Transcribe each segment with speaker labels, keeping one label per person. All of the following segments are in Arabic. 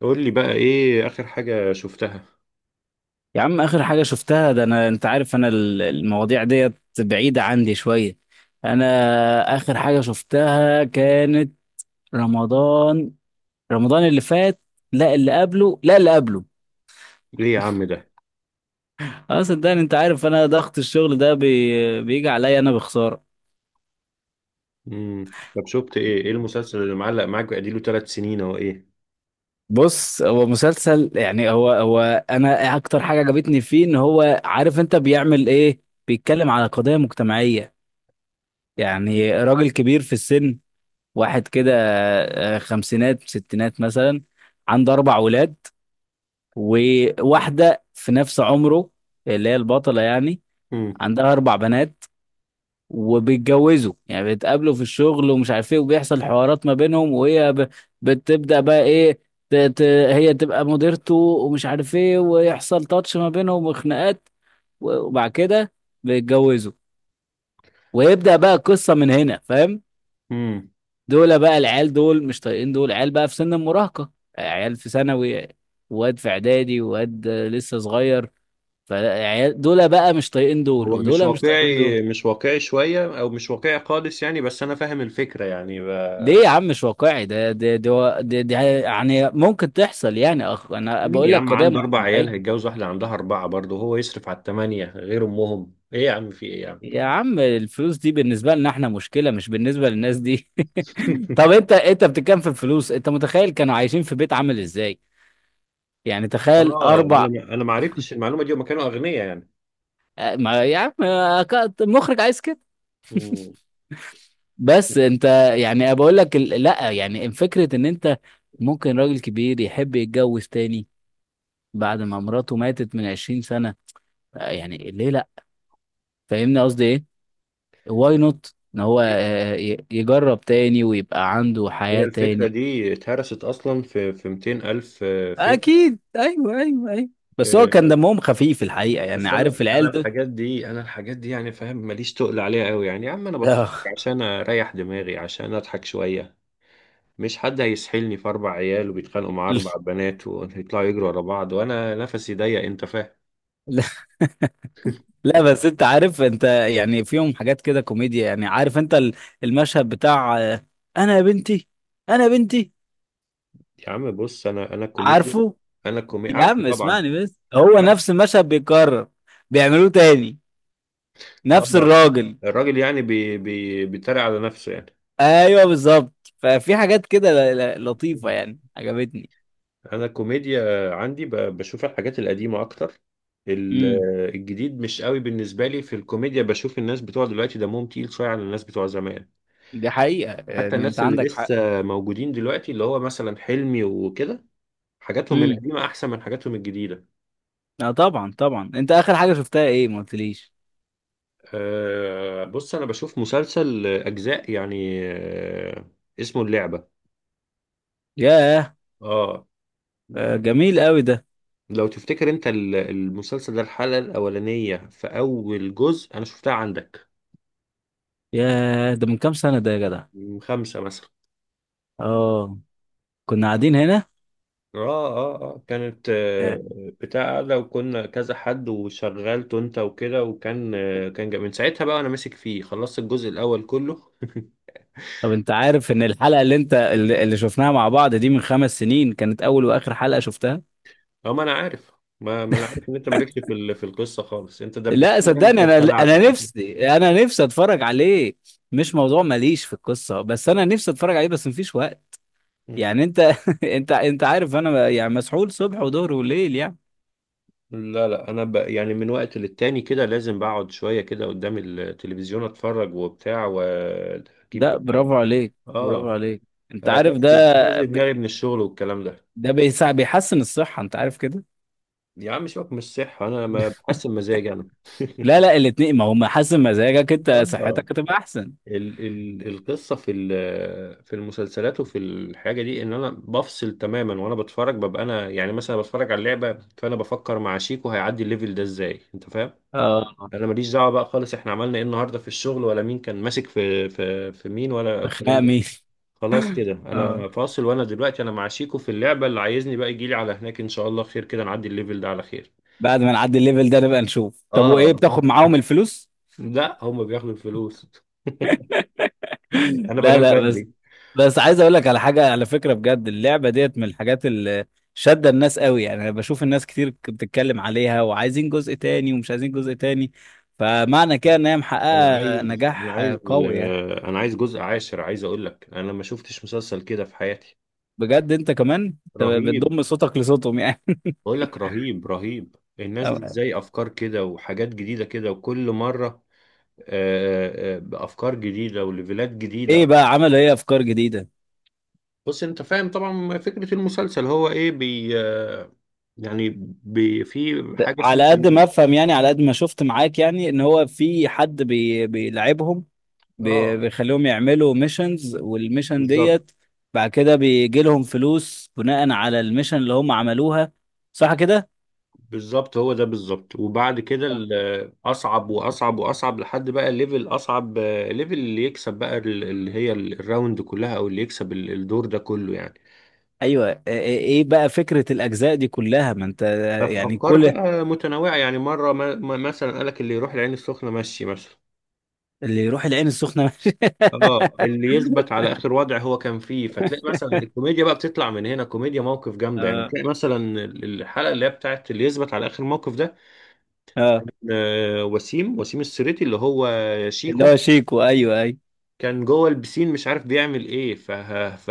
Speaker 1: قول لي بقى، ايه اخر حاجة شفتها؟
Speaker 2: يا عم اخر حاجه شفتها، ده انا انت عارف انا المواضيع ديت بعيده عندي شويه. انا اخر حاجه شفتها كانت رمضان. رمضان اللي فات. لا اللي قبله، لا اللي قبله.
Speaker 1: ليه يا عم ده؟
Speaker 2: اه صدقني، انت عارف انا ضغط الشغل ده بيجي عليا، انا بخساره.
Speaker 1: طب شفت ايه المسلسل اللي معلق معاك بقى 3 سنين او ايه؟
Speaker 2: بص، هو مسلسل، يعني هو انا اكتر حاجه عجبتني فيه ان هو عارف انت بيعمل ايه. بيتكلم على قضايا مجتمعيه. يعني راجل كبير في السن، واحد كده، خمسينات ستينات مثلا. عنده اربع ولاد، وواحده في نفس عمره، اللي هي البطله يعني،
Speaker 1: امم.
Speaker 2: عندها اربع بنات. وبيتجوزوا، يعني بيتقابلوا في الشغل ومش عارف ايه، وبيحصل حوارات ما بينهم، بتبدا بقى ايه، ت... ت... هي تبقى مديرته ومش عارف ايه، ويحصل تاتش ما بينهم وخناقات. وبعد كده بيتجوزوا، ويبدا بقى القصه من هنا، فاهم.
Speaker 1: امم.
Speaker 2: دول بقى العيال دول مش طايقين دول، عيال بقى في سن المراهقة، عيال في ثانوي، واد في اعدادي، واد لسه صغير. فعيال دول بقى مش طايقين دول،
Speaker 1: هو مش
Speaker 2: ودول مش طايقين دول.
Speaker 1: واقعي، مش واقعي شوية او مش واقعي خالص يعني، بس انا فاهم الفكرة يعني
Speaker 2: ليه يا عم مش واقعي؟ ده يعني ممكن تحصل، يعني انا
Speaker 1: مين
Speaker 2: بقول
Speaker 1: يا
Speaker 2: لك
Speaker 1: عم
Speaker 2: قضية
Speaker 1: عنده 4 عيال
Speaker 2: مجتمعية.
Speaker 1: هيتجوز واحدة عندها 4 برضه، هو يصرف على الثمانية غير امهم؟ ايه يا عم، في ايه يا عم؟
Speaker 2: يا عم، الفلوس دي بالنسبة لنا احنا مشكلة، مش بالنسبة للناس دي. طب انت، بتتكلم في الفلوس، انت متخيل كانوا عايشين في بيت عامل ازاي؟ يعني تخيل
Speaker 1: اه،
Speaker 2: اربع.
Speaker 1: انا ما عرفتش المعلومة دي، وما كانوا اغنياء يعني.
Speaker 2: ما يا عم مخرج عايز كده. بس انت، يعني بقول لك لا، يعني فكرة ان انت ممكن راجل كبير يحب يتجوز تاني بعد ما مراته ماتت من 20 سنة. يعني ليه لا؟ فاهمني قصدي ايه. واي نوت ان هو،
Speaker 1: امم.
Speaker 2: يجرب تاني ويبقى عنده
Speaker 1: هي
Speaker 2: حياة
Speaker 1: الفكرة
Speaker 2: تاني.
Speaker 1: دي اتهرست أصلا في 200 ألف فيلم.
Speaker 2: اكيد، ايوه ايوه ايوه. بس هو كان
Speaker 1: آه،
Speaker 2: دمهم خفيف الحقيقة، يعني
Speaker 1: بس أنا
Speaker 2: عارف
Speaker 1: أنا
Speaker 2: العيال دول.
Speaker 1: الحاجات دي أنا الحاجات دي يعني فاهم، ماليش تقل عليها أوي يعني يا عم، أنا بتفرج
Speaker 2: آه.
Speaker 1: عشان أريح دماغي، عشان أضحك شوية. مش حد هيسحلني في 4 عيال وبيتخانقوا مع أربع بنات ويطلعوا يجروا ورا بعض وأنا نفسي ضيق، أنت فاهم؟
Speaker 2: لا. لا، بس انت عارف انت يعني فيهم حاجات كده كوميديا، يعني عارف انت المشهد بتاع، انا يا بنتي، انا يا بنتي.
Speaker 1: يا عم بص، أنا كوميديا،
Speaker 2: عارفه.
Speaker 1: أنا كوميديا
Speaker 2: يا
Speaker 1: عارفه
Speaker 2: عم
Speaker 1: طبعا.
Speaker 2: اسمعني، بس هو
Speaker 1: عارف.
Speaker 2: نفس المشهد بيتكرر، بيعملوه تاني، نفس
Speaker 1: آه.
Speaker 2: الراجل.
Speaker 1: الراجل يعني بي بي بيتريق على نفسه يعني.
Speaker 2: ايوه بالظبط، ففي حاجات كده لطيفة، يعني عجبتني.
Speaker 1: انا الكوميديا عندي بشوف الحاجات القديمه اكتر. ال-
Speaker 2: امم.
Speaker 1: الجديد مش قوي بالنسبه لي في الكوميديا. بشوف الناس بتوع دلوقتي دمهم تقيل شويه على الناس بتوع زمان.
Speaker 2: دي حقيقة،
Speaker 1: حتى
Speaker 2: يعني انت
Speaker 1: الناس اللي
Speaker 2: عندك حق.
Speaker 1: لسه موجودين دلوقتي، اللي هو مثلا حلمي وكده، حاجاتهم
Speaker 2: امم.
Speaker 1: القديمه احسن من حاجاتهم الجديده.
Speaker 2: اه طبعا طبعا. انت اخر حاجة شفتها ايه؟ ما قلتليش.
Speaker 1: أه بص، انا بشوف مسلسل اجزاء يعني، اسمه اللعبه.
Speaker 2: ياه،
Speaker 1: اه.
Speaker 2: جميل قوي ده.
Speaker 1: لو تفتكر انت المسلسل ده، الحلقه الاولانيه في اول جزء انا شفتها عندك.
Speaker 2: ياه، ده من كام سنة ده يا جدع.
Speaker 1: من خمسه مثلا.
Speaker 2: اه، كنا قاعدين هنا.
Speaker 1: اه اه اه كانت
Speaker 2: آه.
Speaker 1: بتاع قاعدة، وكنا كذا حد وشغلته انت وكده، وكان من ساعتها بقى انا ماسك فيه، خلصت الجزء الاول كله.
Speaker 2: طب انت عارف ان الحلقة اللي انت اللي اللي شفناها مع بعض دي من خمس سنين كانت اول واخر حلقة شفتها.
Speaker 1: اه ما انا عارف. ما انا عارف ان انت مالكش في في القصة خالص، انت
Speaker 2: لا
Speaker 1: دبستني انت
Speaker 2: صدقني، انا
Speaker 1: وخلعت
Speaker 2: انا
Speaker 1: على طول.
Speaker 2: نفسي، انا نفسي اتفرج عليه. مش موضوع ماليش في القصه، بس انا نفسي اتفرج عليه، بس مفيش وقت.
Speaker 1: مم.
Speaker 2: يعني انت، انت عارف انا يعني مسحول صبح وظهر وليل يعني.
Speaker 1: لا لا، انا يعني من وقت للتاني كده لازم بقعد شوية كده قدام التلفزيون اتفرج وبتاع واجيب.
Speaker 2: ده برافو عليك، برافو
Speaker 1: اه
Speaker 2: عليك، انت عارف ده.
Speaker 1: افسد
Speaker 2: ب...
Speaker 1: دماغي من الشغل والكلام ده.
Speaker 2: ده بيحسن الصحه، انت عارف كده.
Speaker 1: يا عم سيبك من الصحة، أنا ما بحسن مزاجي أنا.
Speaker 2: لا لا، الاتنين، ما هو محسن مزاجك، انت
Speaker 1: اه،
Speaker 2: صحتك هتبقى احسن.
Speaker 1: ال القصة في في المسلسلات وفي الحاجة دي إن أنا بفصل تماما، وأنا بتفرج ببقى أنا يعني مثلا بتفرج على اللعبة، فأنا بفكر مع شيكو هيعدي الليفل ده إزاي، أنت فاهم؟
Speaker 2: اه.
Speaker 1: أنا ماليش دعوة بقى خالص إحنا عملنا إيه النهاردة في الشغل، ولا مين كان ماسك في في مين، ولا الكلام
Speaker 2: خناق
Speaker 1: ده.
Speaker 2: مين؟
Speaker 1: خلاص كده
Speaker 2: اه.
Speaker 1: أنا فاصل، وأنا دلوقتي أنا مع شيكو في اللعبة، اللي عايزني بقى يجيلي على هناك إن شاء الله خير كده، نعدي الليفل ده على خير.
Speaker 2: بعد ما نعدي الليفل ده نبقى نشوف، طب وايه
Speaker 1: آه،
Speaker 2: بتاخد معاهم الفلوس؟
Speaker 1: لا، هما بياخدوا الفلوس. انا
Speaker 2: لا
Speaker 1: بنام
Speaker 2: لا، بس،
Speaker 1: بدري.
Speaker 2: بس عايز اقول لك على حاجه، على فكره بجد، اللعبه ديت من الحاجات اللي شاده الناس قوي، يعني انا بشوف الناس كتير بتتكلم عليها، وعايزين جزء تاني ومش عايزين جزء تاني. فمعنى كده ان هي
Speaker 1: انا
Speaker 2: محققه
Speaker 1: عايز انا
Speaker 2: نجاح،
Speaker 1: عايز
Speaker 2: قوي يعني.
Speaker 1: انا عايز جزء عاشر، عايز اقول لك انا ما شفتش مسلسل كده في حياتي.
Speaker 2: بجد انت كمان، أنت
Speaker 1: رهيب.
Speaker 2: بتضم صوتك لصوتهم يعني.
Speaker 1: بقول لك رهيب رهيب. الناس دي ازاي افكار كده وحاجات جديده كده، وكل مره بافكار جديده وليفلات جديده.
Speaker 2: ايه بقى، عملوا ايه افكار جديده؟
Speaker 1: بص انت فاهم طبعا فكره المسلسل هو ايه. بي آه، يعني في حاجه اسمها.
Speaker 2: على قد ما افهم، يعني على قد ما شفت معاك، يعني ان هو في حد بيلعبهم،
Speaker 1: اه
Speaker 2: بيخليهم يعملوا ميشنز، والميشن
Speaker 1: بالظبط.
Speaker 2: ديت بعد كده بيجي لهم فلوس بناء على الميشن اللي هم عملوها، صح كده؟
Speaker 1: بالظبط هو ده بالظبط. وبعد كده اصعب واصعب واصعب لحد بقى ليفل اصعب، ليفل اللي يكسب بقى اللي هي الراوند كلها، او اللي يكسب الدور ده كله يعني.
Speaker 2: ايوه. إيه إيه إيه بقى فكرة الاجزاء دي كلها؟ ما انت يعني
Speaker 1: افكار
Speaker 2: كل
Speaker 1: بقى متنوعه يعني. مره مثلا قالك اللي يروح العين السخنه مشي مثلا.
Speaker 2: اللي يروح العين السخنة ماشي.
Speaker 1: اه، اللي يثبت على اخر وضع هو كان فيه، فتلاقي مثلا الكوميديا بقى بتطلع من هنا، كوميديا موقف جامده يعني.
Speaker 2: اه
Speaker 1: تلاقي مثلا الحلقه اللي هي بتاعت اللي يثبت على اخر موقف ده،
Speaker 2: اه،
Speaker 1: وسيم، وسيم السريتي اللي هو
Speaker 2: اللي
Speaker 1: شيكو،
Speaker 2: هو شيكو، ايوه ايوه.
Speaker 1: كان جوه البسين مش عارف بيعمل ايه، ف ف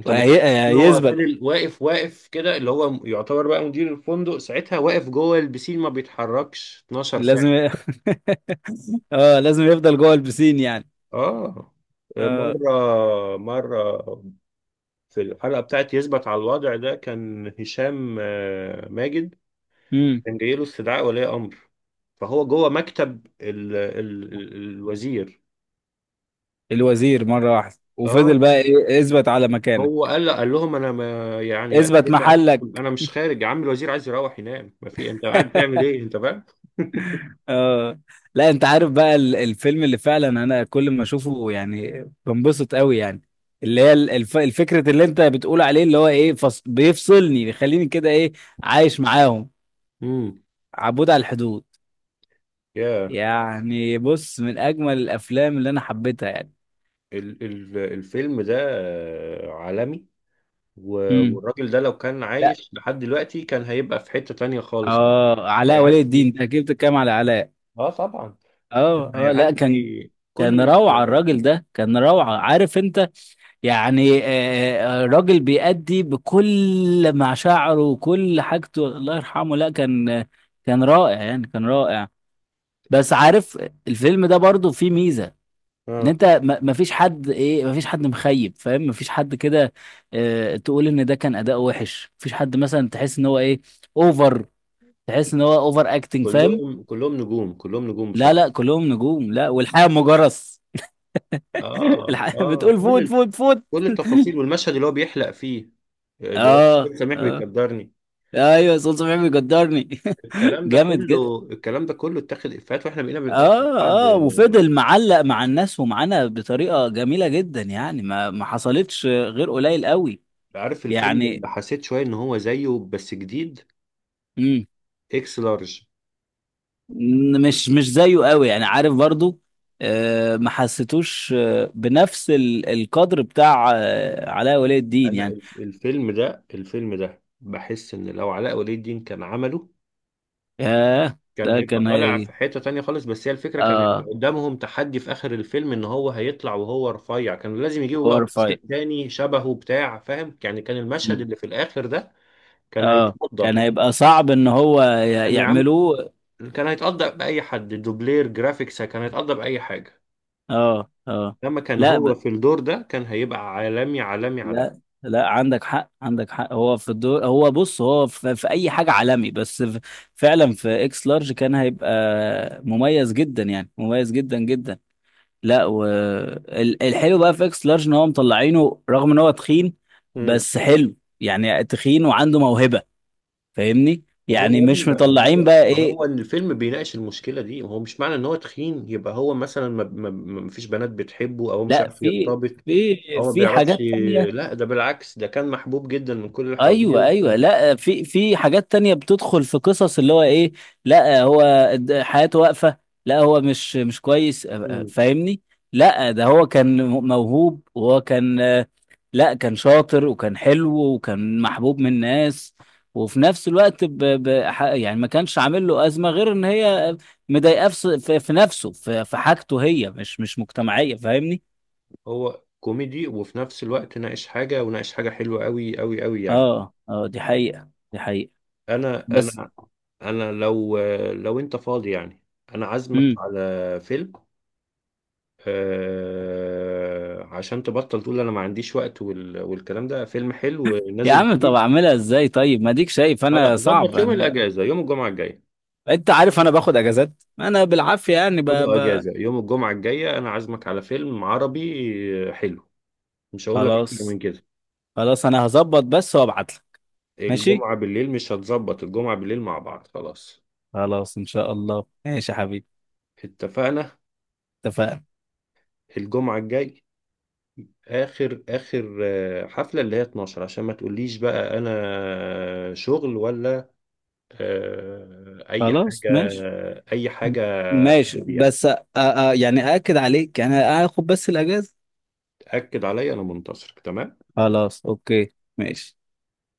Speaker 1: انت متخيل ان هو
Speaker 2: وهيثبت.
Speaker 1: فضل واقف، واقف كده اللي هو يعتبر بقى مدير الفندق ساعتها، واقف جوه البسين ما بيتحركش 12
Speaker 2: لازم
Speaker 1: ساعة.
Speaker 2: اه، لازم يفضل جوه البسين يعني.
Speaker 1: اه.
Speaker 2: اه.
Speaker 1: مرة مرة في الحلقة بتاعت يثبت على الوضع ده كان هشام ماجد
Speaker 2: امم.
Speaker 1: كان جاي له استدعاء ولي امر، فهو جوه مكتب الوزير.
Speaker 2: الوزير مرة واحدة وفضل
Speaker 1: اه.
Speaker 2: بقى ايه، اثبت على
Speaker 1: هو
Speaker 2: مكانك،
Speaker 1: قال لهم انا ما يعني أكل
Speaker 2: اثبت
Speaker 1: ما أكلهم.
Speaker 2: محلك.
Speaker 1: انا مش خارج، يا عم الوزير عايز يروح ينام، ما في، انت قاعد بتعمل ايه، انت فاهم؟
Speaker 2: اه. لا انت عارف بقى الفيلم اللي فعلا انا كل ما اشوفه يعني بنبسط قوي يعني، اللي هي الفكرة اللي انت بتقول عليه، اللي هو ايه، بيفصلني، بيخليني كده ايه، عايش معاهم.
Speaker 1: امم.
Speaker 2: عبود على الحدود،
Speaker 1: يا
Speaker 2: يعني بص من اجمل الافلام اللي انا حبيتها يعني.
Speaker 1: ال ال الفيلم ده عالمي، و-
Speaker 2: امم.
Speaker 1: والراجل ده لو كان
Speaker 2: لا.
Speaker 1: عايش لحد دلوقتي كان هيبقى في حتة تانية خالص.
Speaker 2: اه، علاء ولي الدين،
Speaker 1: هيعدي.
Speaker 2: انت اكيد بتتكلم على علاء.
Speaker 1: اه، طبعا.
Speaker 2: اه اه لا، كان،
Speaker 1: هيعدي كل
Speaker 2: كان
Speaker 1: ال-
Speaker 2: روعة الراجل ده، كان روعة، عارف انت؟ يعني راجل بيأدي بكل مشاعره وكل حاجته، الله يرحمه. لا كان، كان رائع يعني، كان رائع. بس عارف، الفيلم ده برضو فيه ميزة، ان
Speaker 1: اه
Speaker 2: انت ما فيش حد ايه، ما فيش حد مخيب، فاهم؟ ما فيش حد كده تقول ان ده كان اداء وحش. ما فيش حد مثلا تحس ان هو ايه، اوفر، تحس ان هو اوفر اكتنج، فاهم؟
Speaker 1: كلهم نجوم، كلهم نجوم
Speaker 2: لا لا،
Speaker 1: بصراحة.
Speaker 2: كلهم نجوم، لا والحياة مجرس.
Speaker 1: اه
Speaker 2: الحياة
Speaker 1: اه،
Speaker 2: بتقول فوت فوت فوت.
Speaker 1: كل التفاصيل والمشهد اللي هو بيحلق فيه، اللي هو
Speaker 2: اه
Speaker 1: سميح
Speaker 2: اه.
Speaker 1: بيقدرني،
Speaker 2: ايوه صوت صبحي بيقدرني.
Speaker 1: الكلام ده
Speaker 2: جامد جدا.
Speaker 1: كله، الكلام ده كله اتاخد افيهات واحنا بقينا بنقول. بعد.
Speaker 2: اه اه، وفضل معلق مع الناس ومعانا بطريقه جميله جدا يعني، ما ما حصلتش غير قليل قوي
Speaker 1: عارف الفيلم
Speaker 2: يعني.
Speaker 1: اللي حسيت شويه ان هو زيه بس جديد؟
Speaker 2: مم.
Speaker 1: اكس لارج.
Speaker 2: مش مش زيه قوي يعني، عارف برضو، آه ما حسيتوش آه بنفس القدر بتاع آه علاء ولي الدين
Speaker 1: انا
Speaker 2: يعني.
Speaker 1: الفيلم ده بحس ان لو علاء ولي الدين كان عمله
Speaker 2: ياه
Speaker 1: كان
Speaker 2: ده
Speaker 1: هيبقى
Speaker 2: كان
Speaker 1: طالع في
Speaker 2: هي.
Speaker 1: حته تانية خالص. بس هي الفكره كان هيبقى
Speaker 2: اه،
Speaker 1: قدامهم تحدي في اخر الفيلم ان هو هيطلع وهو رفيع، كان لازم يجيبوا بقى
Speaker 2: باور فايت.
Speaker 1: ممثل تاني شبهه بتاع، فاهم يعني؟ كان المشهد
Speaker 2: مم.
Speaker 1: اللي في الاخر ده كان
Speaker 2: اه
Speaker 1: هيتقضى.
Speaker 2: كان
Speaker 1: كان
Speaker 2: هيبقى صعب ان هو
Speaker 1: يعني يا عم،
Speaker 2: يعملوه.
Speaker 1: كان هيتقضى بأي حد، دوبلير، جرافيكس، كان هيتقضى بأي حاجة.
Speaker 2: اه اه.
Speaker 1: لما كان هو
Speaker 2: لا
Speaker 1: في الدور ده كان هيبقى عالمي، عالمي، عالمي.
Speaker 2: لا، لا عندك حق، عندك حق. هو في الدور، هو بص هو في اي حاجه عالمي، بس في فعلا في اكس لارج كان هيبقى مميز جدا، يعني مميز جدا جدا. لا والحلو بقى في اكس لارج ان هو مطلعينه رغم ان هو تخين،
Speaker 1: امم.
Speaker 2: بس حلو يعني، تخين وعنده موهبه. فاهمني
Speaker 1: ما هو
Speaker 2: يعني،
Speaker 1: يا ابني،
Speaker 2: مش
Speaker 1: ما
Speaker 2: مطلعين
Speaker 1: هو،
Speaker 2: بقى
Speaker 1: ما
Speaker 2: ايه،
Speaker 1: هو ان الفيلم بيناقش المشكلة دي، ما هو مش معنى ان هو تخين يبقى هو مثلا ما فيش بنات بتحبه او هو مش
Speaker 2: لا
Speaker 1: عارف
Speaker 2: في
Speaker 1: يرتبط
Speaker 2: في،
Speaker 1: او ما
Speaker 2: في
Speaker 1: بيعرفش.
Speaker 2: حاجات تانية.
Speaker 1: لا ده بالعكس، ده كان محبوب جدا من كل اللي حواليه
Speaker 2: ايوه ايوه،
Speaker 1: وكان.
Speaker 2: لا في، في حاجات تانية بتدخل في قصص اللي هو ايه. لا هو، حياته واقفة. لا هو مش مش كويس،
Speaker 1: مم.
Speaker 2: فاهمني. لا ده هو كان موهوب، وهو كان لا كان شاطر وكان حلو وكان محبوب من الناس. وفي نفس الوقت يعني ما كانش عامل له أزمة غير ان هي مضايقاه في في نفسه، في حاجته هي مش مش مجتمعية، فاهمني.
Speaker 1: هو كوميدي وفي نفس الوقت ناقش حاجة، وناقش حاجة حلوة قوي قوي قوي يعني.
Speaker 2: اه اه، دي حقيقة، دي حقيقة.
Speaker 1: انا.
Speaker 2: بس.
Speaker 1: انا. انا لو لو انت فاضي يعني انا عازمك على فيلم، عشان تبطل تقول انا ما عنديش وقت والكلام ده. فيلم حلو
Speaker 2: يا
Speaker 1: نازل
Speaker 2: عم طب
Speaker 1: جديد.
Speaker 2: اعملها ازاي طيب، ما ديك شايف
Speaker 1: لا لا،
Speaker 2: انا صعب.
Speaker 1: ظبط يوم
Speaker 2: انا
Speaker 1: الاجازه، يوم الجمعه الجايه.
Speaker 2: انت عارف انا باخد اجازات، انا بالعافيه يعني
Speaker 1: خده اجازه يوم الجمعه الجايه، انا عازمك على فيلم عربي حلو. مش هقول لك اكتر
Speaker 2: خلاص،
Speaker 1: من كده.
Speaker 2: خلاص انا هظبط بس وابعت لك. ماشي،
Speaker 1: الجمعه بالليل، مش هتظبط الجمعه بالليل مع بعض؟ خلاص،
Speaker 2: خلاص ان شاء الله، ماشي يا حبيبي.
Speaker 1: اتفقنا.
Speaker 2: اتفقنا.
Speaker 1: الجمعه الجاي اخر حفله، اللي هي 12، عشان ما تقوليش بقى انا شغل ولا اي
Speaker 2: خلاص
Speaker 1: حاجه.
Speaker 2: ماشي.
Speaker 1: اي
Speaker 2: م-
Speaker 1: حاجه.
Speaker 2: ماشي
Speaker 1: عندي يعني.
Speaker 2: بس يعني اكد عليك، يعني اخد بس الاجازه.
Speaker 1: تاكد عليا، انا منتصرك تمام.
Speaker 2: خلاص اوكي. ماشي.